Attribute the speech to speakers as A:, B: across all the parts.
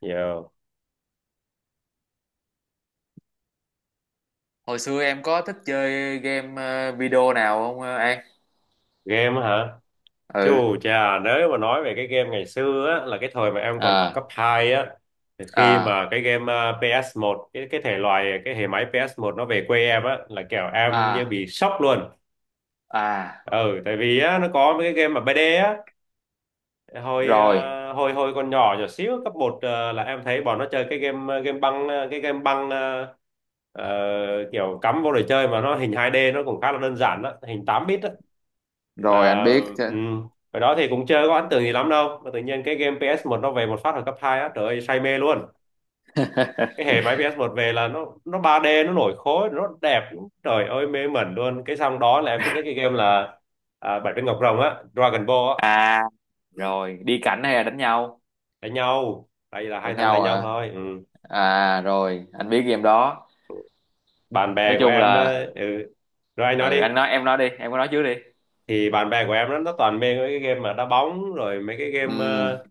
A: Giờ
B: Hồi xưa em có thích chơi game video nào không, ờ, An?
A: game á hả?
B: Ừ.
A: Chù chà, nếu mà nói về cái game ngày xưa á, là cái thời mà em còn học cấp
B: À,
A: 2 á, thì khi
B: à,
A: mà cái game ps một cái thể loại, cái hệ máy ps một nó về quê em á, là kiểu em như
B: à,
A: bị sốc luôn.
B: à.
A: Ừ, tại vì á, nó có mấy cái game mà 3D á, hồi
B: Rồi,
A: à, hồi hồi còn nhỏ nhỏ xíu cấp một là em thấy bọn nó chơi cái game à, game băng à, cái game băng ờ, kiểu cắm vô để chơi mà nó hình 2D nó cũng khá là đơn giản đó, hình 8 bit đó
B: rồi, anh
A: mà
B: biết chứ.
A: ừ. Hồi đó thì cũng chưa có ấn tượng gì lắm đâu mà tự nhiên cái game ps một nó về một phát ở cấp 2 á, trời ơi say mê luôn. Cái hệ máy ps một về là nó 3D, nó nổi khối, nó đẹp, trời ơi mê mẩn luôn. Cái xong đó là em thích nhất cái game là Bảy Viên Ngọc Rồng á, Dragon Ball á.
B: À,
A: Ừ.
B: rồi, đi cảnh hay là đánh nhau?
A: Đánh nhau, tại vì là hai
B: Đánh
A: thằng
B: nhau
A: đánh nhau
B: hả?
A: thôi. Ừ.
B: À, rồi, anh biết game đó.
A: Bạn
B: Nói
A: bè của
B: chung
A: em
B: là
A: ừ. Rồi anh nói
B: ừ,
A: đi.
B: anh nói em nói đi, em có nói trước đi.
A: Thì bạn bè của em nó toàn mê mấy cái game mà đá bóng, rồi mấy cái
B: Ừ,
A: game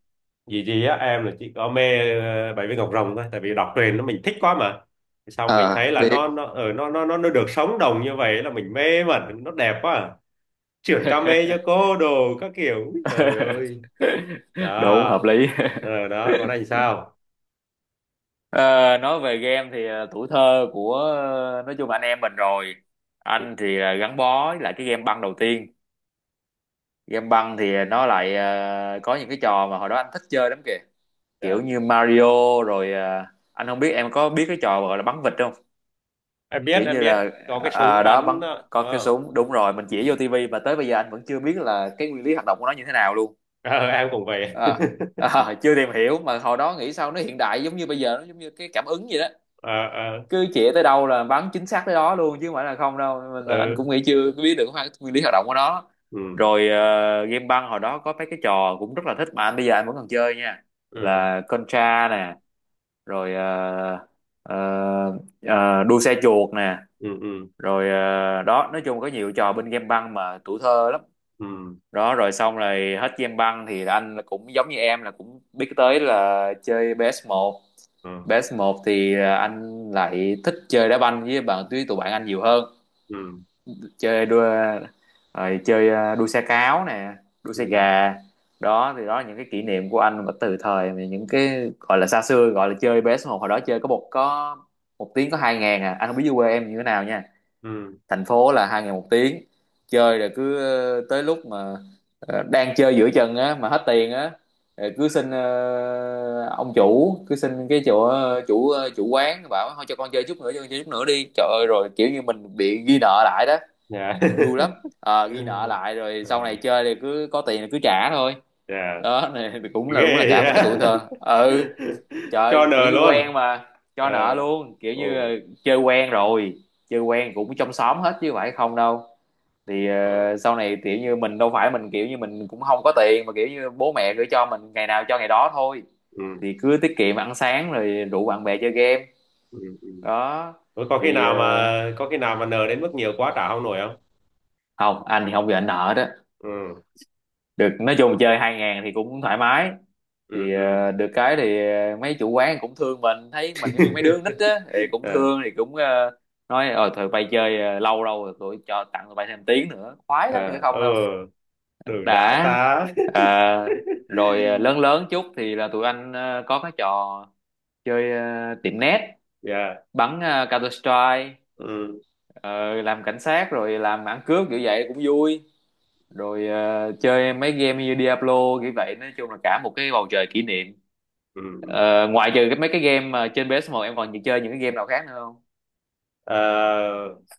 A: vì gì á, em là chỉ có mê bảy viên ngọc rồng thôi, tại vì đọc truyền nó mình thích quá mà. Thì xong mình
B: ờ,
A: thấy là
B: biết.
A: nó ở nó được sống đồng như vậy là mình mê mẩn, nó đẹp quá à. Chuyển came cho cô đồ các kiểu, úi, trời ơi,
B: Đúng, hợp
A: đó.
B: lý.
A: Đó còn anh sao.
B: Ờ, nói về game thì tuổi thơ của, nói chung là anh em mình rồi, anh thì là gắn bó với lại cái game băng đầu tiên. Game băng thì nó lại có những cái trò mà hồi đó anh thích chơi lắm kìa, kiểu
A: Dạ.
B: như Mario rồi. Ờ, anh không biết em có biết cái trò gọi là bắn vịt không,
A: Em biết,
B: kiểu
A: em
B: như là
A: biết. Có cái súng
B: đó
A: bắn
B: bắn,
A: đó,
B: có
A: đúng
B: cái
A: không.
B: súng, đúng rồi, mình
A: Ừ.
B: chỉ vô tivi mà tới bây giờ anh vẫn chưa biết là cái nguyên lý hoạt động của nó như thế nào luôn.
A: Ờ, em cũng vậy.
B: Ờ, chưa tìm hiểu, mà hồi đó nghĩ sao nó hiện đại giống như bây giờ, nó giống như cái cảm ứng vậy đó,
A: Ờ, ờ,
B: cứ chĩa tới đâu là bắn chính xác tới đó luôn chứ không phải là không đâu. Mình là anh
A: ờ,
B: cũng nghĩ chưa biết được cái nguyên lý hoạt động của nó.
A: ừ,
B: Rồi game băng hồi đó có mấy cái trò cũng rất là thích mà anh bây giờ anh vẫn còn chơi nha,
A: ừ,
B: là Contra nè, rồi ờ, đua xe chuột nè,
A: ừ, ừ,
B: rồi đó nói chung có nhiều trò bên game băng mà tuổi thơ lắm.
A: ừ,
B: Đó rồi xong rồi hết game băng thì anh là cũng giống như em là cũng biết tới là chơi ps một.
A: ừ,
B: Base một thì à, anh lại thích chơi đá banh với bạn, với tụi bạn anh nhiều hơn.
A: ừ,
B: Chơi đua, rồi chơi à, đua xe cáo nè, đua xe
A: ừ,
B: gà. Đó thì đó là những cái kỷ niệm của anh mà từ thời mà những cái gọi là xa xưa, gọi là chơi PS một hồi đó, chơi có một tiếng có 2.000 à. Anh không biết dưới quê em như thế nào nha,
A: ừ.
B: thành phố là hai ngày một tiếng. Chơi rồi cứ tới lúc mà đang chơi giữa chừng á mà hết tiền á, rồi cứ xin ông chủ, cứ xin cái chỗ chủ quán, bảo thôi cho con chơi chút nữa, cho con chơi chút nữa đi, trời ơi, rồi kiểu như mình bị ghi nợ lại đó.
A: Dạ.
B: Vui lắm. Ờ, ghi nợ lại rồi sau này chơi thì cứ có tiền thì cứ trả thôi.
A: Dạ,
B: Đó này thì cũng là đúng là
A: ghê
B: cả một cái tuổi
A: vậy.
B: thơ. Ừ,
A: Cho
B: trời, kiểu
A: nờ
B: như quen
A: luôn.
B: mà. Cho
A: Ờ,
B: nợ luôn, kiểu như
A: ồ,
B: chơi quen rồi, chơi quen cũng trong xóm hết chứ phải không đâu. Thì
A: ờ,
B: sau này kiểu như mình đâu phải, mình kiểu như mình cũng không có tiền mà, kiểu như bố mẹ gửi cho mình ngày nào cho ngày đó thôi,
A: ừ,
B: thì cứ tiết kiệm ăn sáng rồi rủ bạn bè chơi game.
A: ừ, ừ.
B: Đó
A: Ủa,
B: thì
A: có khi nào mà nờ đến mức nhiều quá trả không nổi không.
B: không, anh thì không bị ảnh nợ đó
A: Ừ,
B: được, nói chung chơi 2.000 thì cũng thoải mái.
A: ừ,
B: Thì
A: ừ.
B: được cái thì mấy chủ quán cũng thương mình, thấy mình giống như mấy đứa con nít á thì cũng
A: À,
B: thương, thì cũng nói ờ tụi bay chơi lâu lâu rồi, tụi cho, tặng tụi bay thêm tiếng nữa, khoái lắm chứ phải
A: à,
B: không
A: ừ,
B: đâu.
A: đừng đã
B: Đã.
A: ta.
B: Ờ, rồi lớn lớn chút thì là tụi anh có cái trò chơi tiệm net,
A: Yeah,
B: bắn Counter Strike,
A: ừ,
B: làm cảnh sát rồi làm ăn cướp, kiểu vậy cũng vui. Rồi chơi mấy game như Diablo, kiểu vậy, nói chung là cả một cái bầu trời kỷ niệm.
A: ừ.
B: Ờ, ngoại trừ cái mấy cái game mà trên PS1, em còn chơi những cái game nào khác nữa không?
A: Ờ,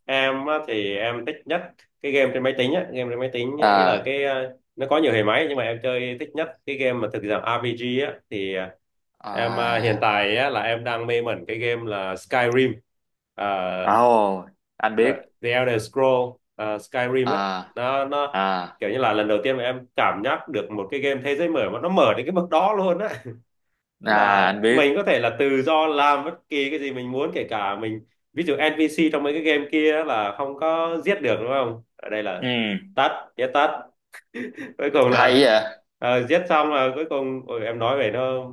A: em á thì em thích nhất cái game trên máy tính á, ý là
B: À,
A: cái nó có nhiều hệ máy nhưng mà em chơi thích nhất cái game mà thực dạng RPG á, thì hiện
B: à,
A: tại á, là em đang mê mẩn cái game là Skyrim.
B: à,
A: Ờ,
B: ồ, anh
A: The,
B: biết.
A: The Elder Scroll Skyrim á,
B: À,
A: nó
B: à,
A: kiểu như là lần đầu tiên mà em cảm giác được một cái game thế giới mở mà nó mở đến cái mức đó luôn á. Tức
B: à
A: là
B: anh biết.
A: mình có thể là tự do làm bất kỳ cái gì mình muốn, kể cả mình, ví dụ NPC trong mấy cái game kia á là không có giết được đúng không, ở đây là
B: Ừ,
A: tắt giết tắt. Cuối cùng
B: hay
A: là
B: vậy.
A: giết xong là cuối cùng, ôi, em nói về nó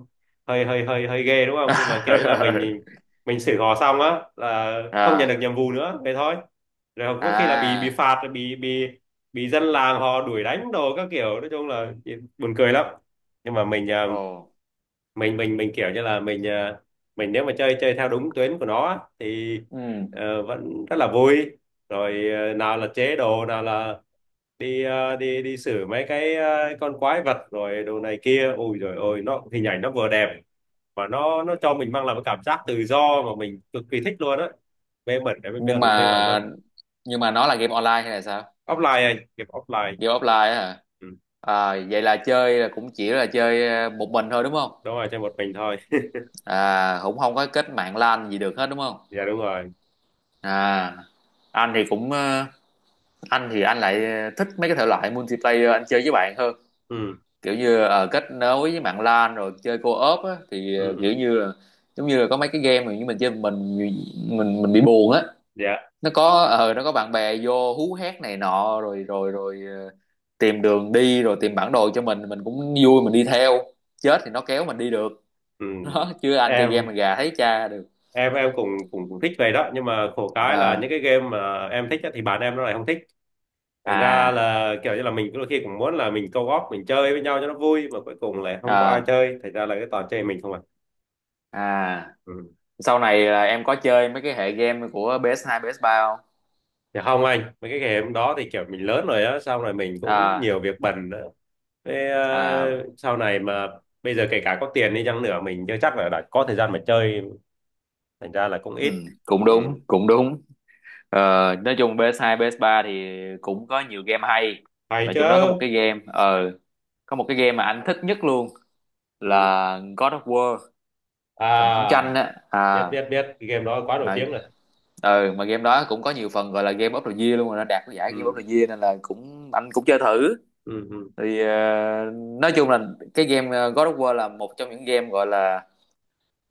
A: hơi hơi hơi hơi ghê đúng không, nhưng mà kiểu như là mình mình xử họ xong á là không nhận được
B: R.
A: nhiệm vụ nữa vậy thôi. Rồi có khi là bị
B: À.
A: phạt, rồi bị dân làng họ đuổi đánh đồ các kiểu, nói chung là buồn cười lắm. Nhưng mà mình ờ,
B: Ồ.
A: mình mình mình kiểu như là mình nếu mà chơi chơi theo đúng tuyến của nó á, thì
B: Ừ.
A: vẫn rất là vui. Rồi nào là chế đồ, nào là đi xử mấy cái con quái vật rồi đồ này kia, ôi rồi ôi nó hình ảnh nó vừa đẹp, và nó cho mình mang lại một cảm giác tự do mà mình cực kỳ thích luôn á, mê mẩn đấy,
B: Nhưng
A: mê mẩn luôn.
B: mà, nhưng mà nó là game online hay là sao?
A: Offline anh, game offline.
B: Game offline á hả?
A: Ừ.
B: À, vậy là chơi là cũng chỉ là chơi một mình thôi đúng không?
A: Đúng rồi, chơi một mình thôi.
B: À, cũng không có kết mạng LAN gì được hết đúng không?
A: Dạ đúng rồi.
B: À, anh thì cũng anh thì anh lại thích mấy cái thể loại multiplayer, anh chơi với bạn hơn,
A: Ừ,
B: kiểu như kết nối với mạng LAN rồi chơi co-op á, thì
A: ừ,
B: kiểu
A: ừ.
B: như là giống như là có mấy cái game mà như mình chơi mình, mình bị buồn á.
A: Dạ.
B: Nó có ờ nó có bạn bè vô hú hét này nọ, rồi rồi rồi ờ, tìm đường đi, rồi tìm bản đồ cho mình cũng vui, mình đi theo. Chết thì nó kéo mình đi được.
A: Ừ.
B: Đó chứ anh chơi game mà
A: em
B: gà thấy cha được.
A: em cũng cũng cũng thích về đó, nhưng mà khổ cái là
B: Ờ,
A: những cái game mà em thích á, thì bạn em nó lại không thích. Thành ra
B: à,
A: là kiểu như là mình đôi khi cũng muốn là mình co-op mình chơi với nhau cho nó vui, mà cuối cùng lại không có ai
B: à,
A: chơi, thành ra là cái toàn chơi mình không à.
B: à,
A: Ừ.
B: sau này là em có chơi mấy cái hệ game của PS2, ps ba không?
A: Thì không anh, mấy cái game đó thì kiểu mình lớn rồi á, sau này mình cũng
B: À,
A: nhiều việc bận nữa. Thế,
B: à,
A: sau này mà bây giờ kể cả có tiền đi chăng nữa mình chưa chắc là đã có thời gian mà chơi, thành ra là cũng
B: ừ,
A: ít.
B: cũng
A: Ừ.
B: đúng, cũng đúng. Ờ, nói chung PS2, ps ba thì cũng có nhiều game hay,
A: Hay
B: và
A: chứ.
B: trong đó có một cái game mà anh thích nhất luôn,
A: Ừ.
B: là God of War, thần chiến
A: À,
B: tranh á.
A: biết
B: À
A: biết biết, cái game đó quá nổi
B: mà
A: tiếng rồi.
B: ừ, mà game đó cũng có nhiều phần gọi là game of the year luôn, rồi nó đạt cái giải game of
A: Ừ.
B: the year nên là cũng anh cũng chơi thử.
A: Ừ, ừ,
B: Thì nói chung là cái game God of War là một trong những game gọi là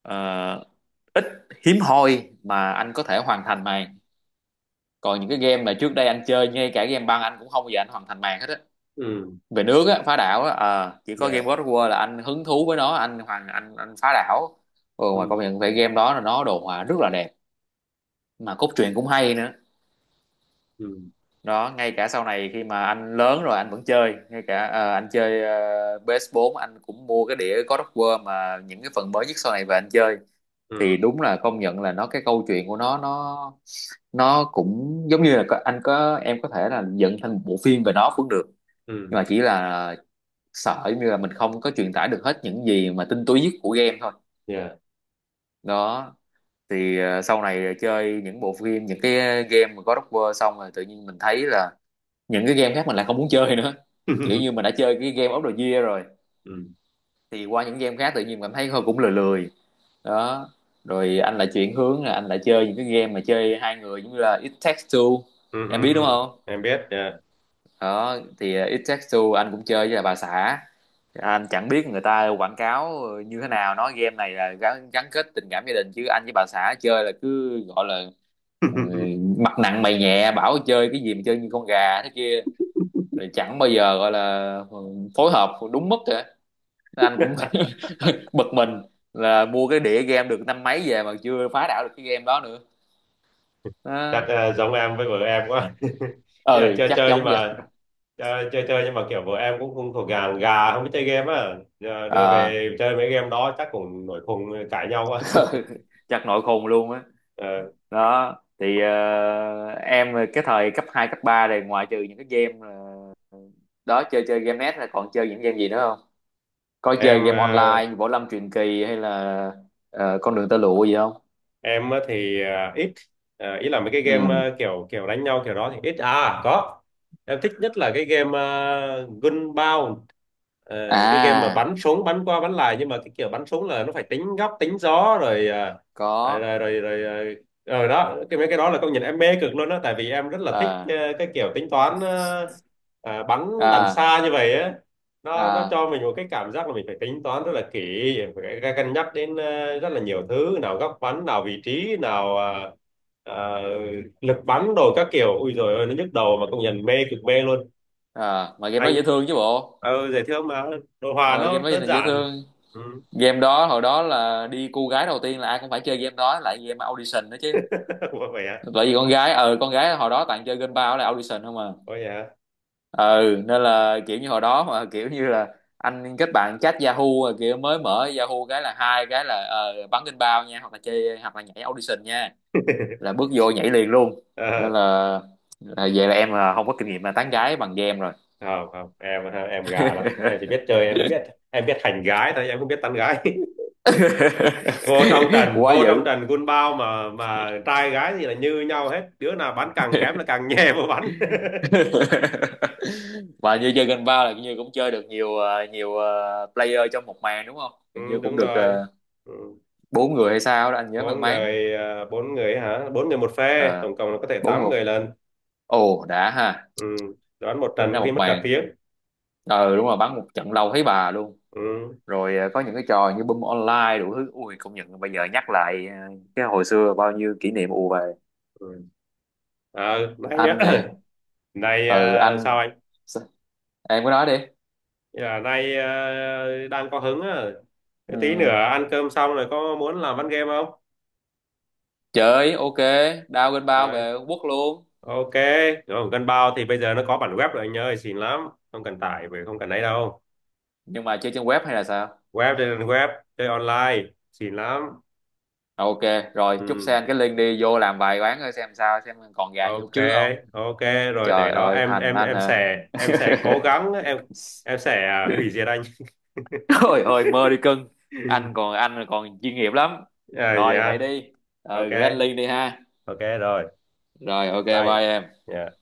B: ờ, hiếm hoi mà anh có thể hoàn thành màn. Còn những cái game mà trước đây anh chơi, ngay cả game băng anh cũng không bao giờ anh hoàn thành màn hết á,
A: ừm,
B: về nước á, phá đảo á, chỉ có
A: yeah,
B: game God of War là anh hứng thú với nó, anh hoàn, anh phá đảo. Ừ, mà
A: ừ,
B: công nhận về game đó là nó đồ họa rất là đẹp, mà cốt truyện cũng hay nữa.
A: ừ,
B: Đó, ngay cả sau này khi mà anh lớn rồi anh vẫn chơi, ngay cả anh chơi PS4, anh cũng mua cái đĩa God of War mà những cái phần mới nhất sau này về anh chơi, thì
A: ừ,
B: đúng là công nhận là nó, cái câu chuyện của nó cũng giống như là có- anh có, em có thể là dựng thành một bộ phim về nó cũng được, nhưng
A: ừm,
B: mà chỉ là sợ giống như là mình không có truyền tải được hết những gì mà tinh túy nhất của game thôi.
A: yeah.
B: Đó thì sau này chơi những bộ phim, những cái game mà God of War xong rồi, tự nhiên mình thấy là những cái game khác mình lại không muốn chơi nữa, kiểu như mình đã chơi cái game of the year rồi
A: Ừ, ừ,
B: thì qua những game khác tự nhiên cảm thấy thôi cũng lười lười. Đó, rồi anh lại chuyển hướng là anh lại chơi những cái game mà chơi hai người, giống như là It Takes Two,
A: ừ,
B: em biết đúng
A: ừm.
B: không?
A: Em biết, yeah.
B: Đó thì It Takes Two anh cũng chơi với là bà xã. Anh chẳng biết người ta quảng cáo như thế nào, nói game này là gắn, gắn kết tình cảm gia đình, chứ anh với bà xã chơi là cứ gọi là ừ, mặt nặng mày nhẹ, bảo chơi cái gì mà chơi như con gà thế kia. Rồi chẳng bao giờ gọi là phối hợp đúng mức cả. Anh cũng bực mình, là mua cái đĩa game được năm mấy về mà chưa phá đảo được cái game đó nữa.
A: Chắc
B: Đó.
A: giống em với vợ em quá. Ý là
B: Ừ
A: chơi
B: chắc
A: chơi, nhưng
B: giống vậy.
A: mà chơi chơi chơi nhưng mà kiểu vợ em cũng không thuộc, gà gà không biết chơi game á. Giờ đưa
B: Ờ,
A: về chơi mấy game đó chắc cũng nổi khùng, cãi nhau quá.
B: chắc nội khùng luôn á.
A: Ờ,
B: Đó thì em cái thời cấp 2 cấp 3 này, ngoại trừ những cái game đó chơi, chơi game net là còn chơi những game gì nữa không? Có chơi
A: em
B: game
A: ờ,
B: online như Võ Lâm Truyền Kỳ hay là con đường tơ lụa gì không?
A: em á thì ít, ý là mấy cái game
B: Ừ,
A: kiểu kiểu đánh nhau kiểu đó thì ít có. Em thích nhất là cái game Gunbound. Ờ, cái game mà
B: à,
A: bắn súng bắn qua bắn lại, nhưng mà cái kiểu bắn súng là nó phải tính góc tính gió rồi rồi,
B: có,
A: rồi, rồi, rồi, rồi, rồi đó. Cái mấy cái đó là công nhận em mê cực luôn á, tại vì em rất là thích
B: à,
A: cái kiểu tính toán, bắn đằng
B: à,
A: xa như vậy á, nó
B: à,
A: cho mình một cái cảm giác là mình phải tính toán rất là kỹ, phải cân nhắc đến rất là nhiều thứ, nào góc bắn, nào vị trí, nào ờ, lực bắn đồ các kiểu, ui rồi ôi nó nhức đầu, mà công nhận mê cực mê luôn.
B: à, mà game đó
A: Anh
B: dễ thương chứ bộ.
A: dễ thương mà, đồ họa
B: Ờ, game
A: nó
B: đó
A: đơn
B: dành dễ
A: giản.
B: thương.
A: Ừ.
B: Game đó hồi đó là đi cu gái đầu tiên là ai cũng phải chơi game đó, lại game audition đó chứ,
A: Vậy hả.
B: tại vì con gái ờ con gái hồi đó toàn chơi game bao là audition không à.
A: Ôi hả.
B: Ừ, nên là kiểu như hồi đó mà kiểu như là anh kết bạn chat Yahoo, rồi kiểu mới mở Yahoo cái là hai cái là bắn game bao nha, hoặc là chơi hoặc là nhảy audition nha, là bước vô nhảy liền luôn. Nên
A: Ờ,
B: là vậy là em là không có kinh nghiệm là tán gái bằng game rồi.
A: không không, em gà lắm, em chỉ biết chơi, em biết hành gái thôi, em không biết tán gái.
B: Quá
A: Vô trong
B: dữ.
A: trình quân bao, mà trai gái thì là như nhau hết, đứa nào bánh càng kém là càng nhè vào bánh.
B: Và như chơi Gun Bao là như cũng chơi được nhiều nhiều player trong một màn đúng không?
A: Ừ,
B: Hình như cũng
A: đúng
B: được
A: rồi. Ừ.
B: bốn người hay sao đó anh nhớ mang
A: bốn
B: máng.
A: người à, bốn người hả Bốn người một phe,
B: Ờ,
A: tổng cộng là có thể
B: bốn
A: tám
B: người.
A: người lên.
B: Ồ đã ha.
A: Ừ. Đoán một
B: Tính
A: trận
B: ra
A: có khi
B: một
A: mất cả
B: màn.
A: tiếng.
B: Ờ đúng rồi, bắn một trận lâu thấy bà luôn.
A: Ừ.
B: Rồi có những cái trò như Boom Online đủ thứ. Ui công nhận bây giờ nhắc lại cái hồi xưa bao nhiêu kỷ niệm ù về.
A: Ừ. À, nay
B: Anh
A: á,
B: nè.
A: nay
B: Ừ
A: sao
B: anh.
A: anh.
B: Sao? Em cứ nói đi.
A: Nay đang có hứng á. Tí nữa
B: Ừ.
A: ăn cơm xong rồi có muốn làm ván game không.
B: Chơi ok, đao Gun Bao
A: à,
B: về Trung Quốc luôn.
A: Ok, rồi gần bao thì bây giờ nó có bản web rồi anh ơi, xịn lắm. Không cần tải về, không cần ấy đâu.
B: Nhưng mà chơi trên web hay là sao?
A: Web, trên web, chơi online, xịn lắm.
B: Ok, rồi chúc
A: Ừ,
B: Sen cái link đi vô làm vài quán coi xem sao, xem còn gà như lúc
A: ok,
B: trước không.
A: ok, rồi
B: Trời
A: để đó,
B: ơi, hành anh hả?
A: em sẽ cố gắng, em em sẽ à, hủy diệt anh.
B: Ôi ơi, mơ đi cưng. Anh còn anh còn chuyên nghiệp lắm.
A: À,
B: Rồi vậy
A: dạ,
B: đi. Ờ,
A: ok,
B: gửi anh link đi ha.
A: ok rồi,
B: Rồi ok
A: bye.
B: bye em.
A: Dạ.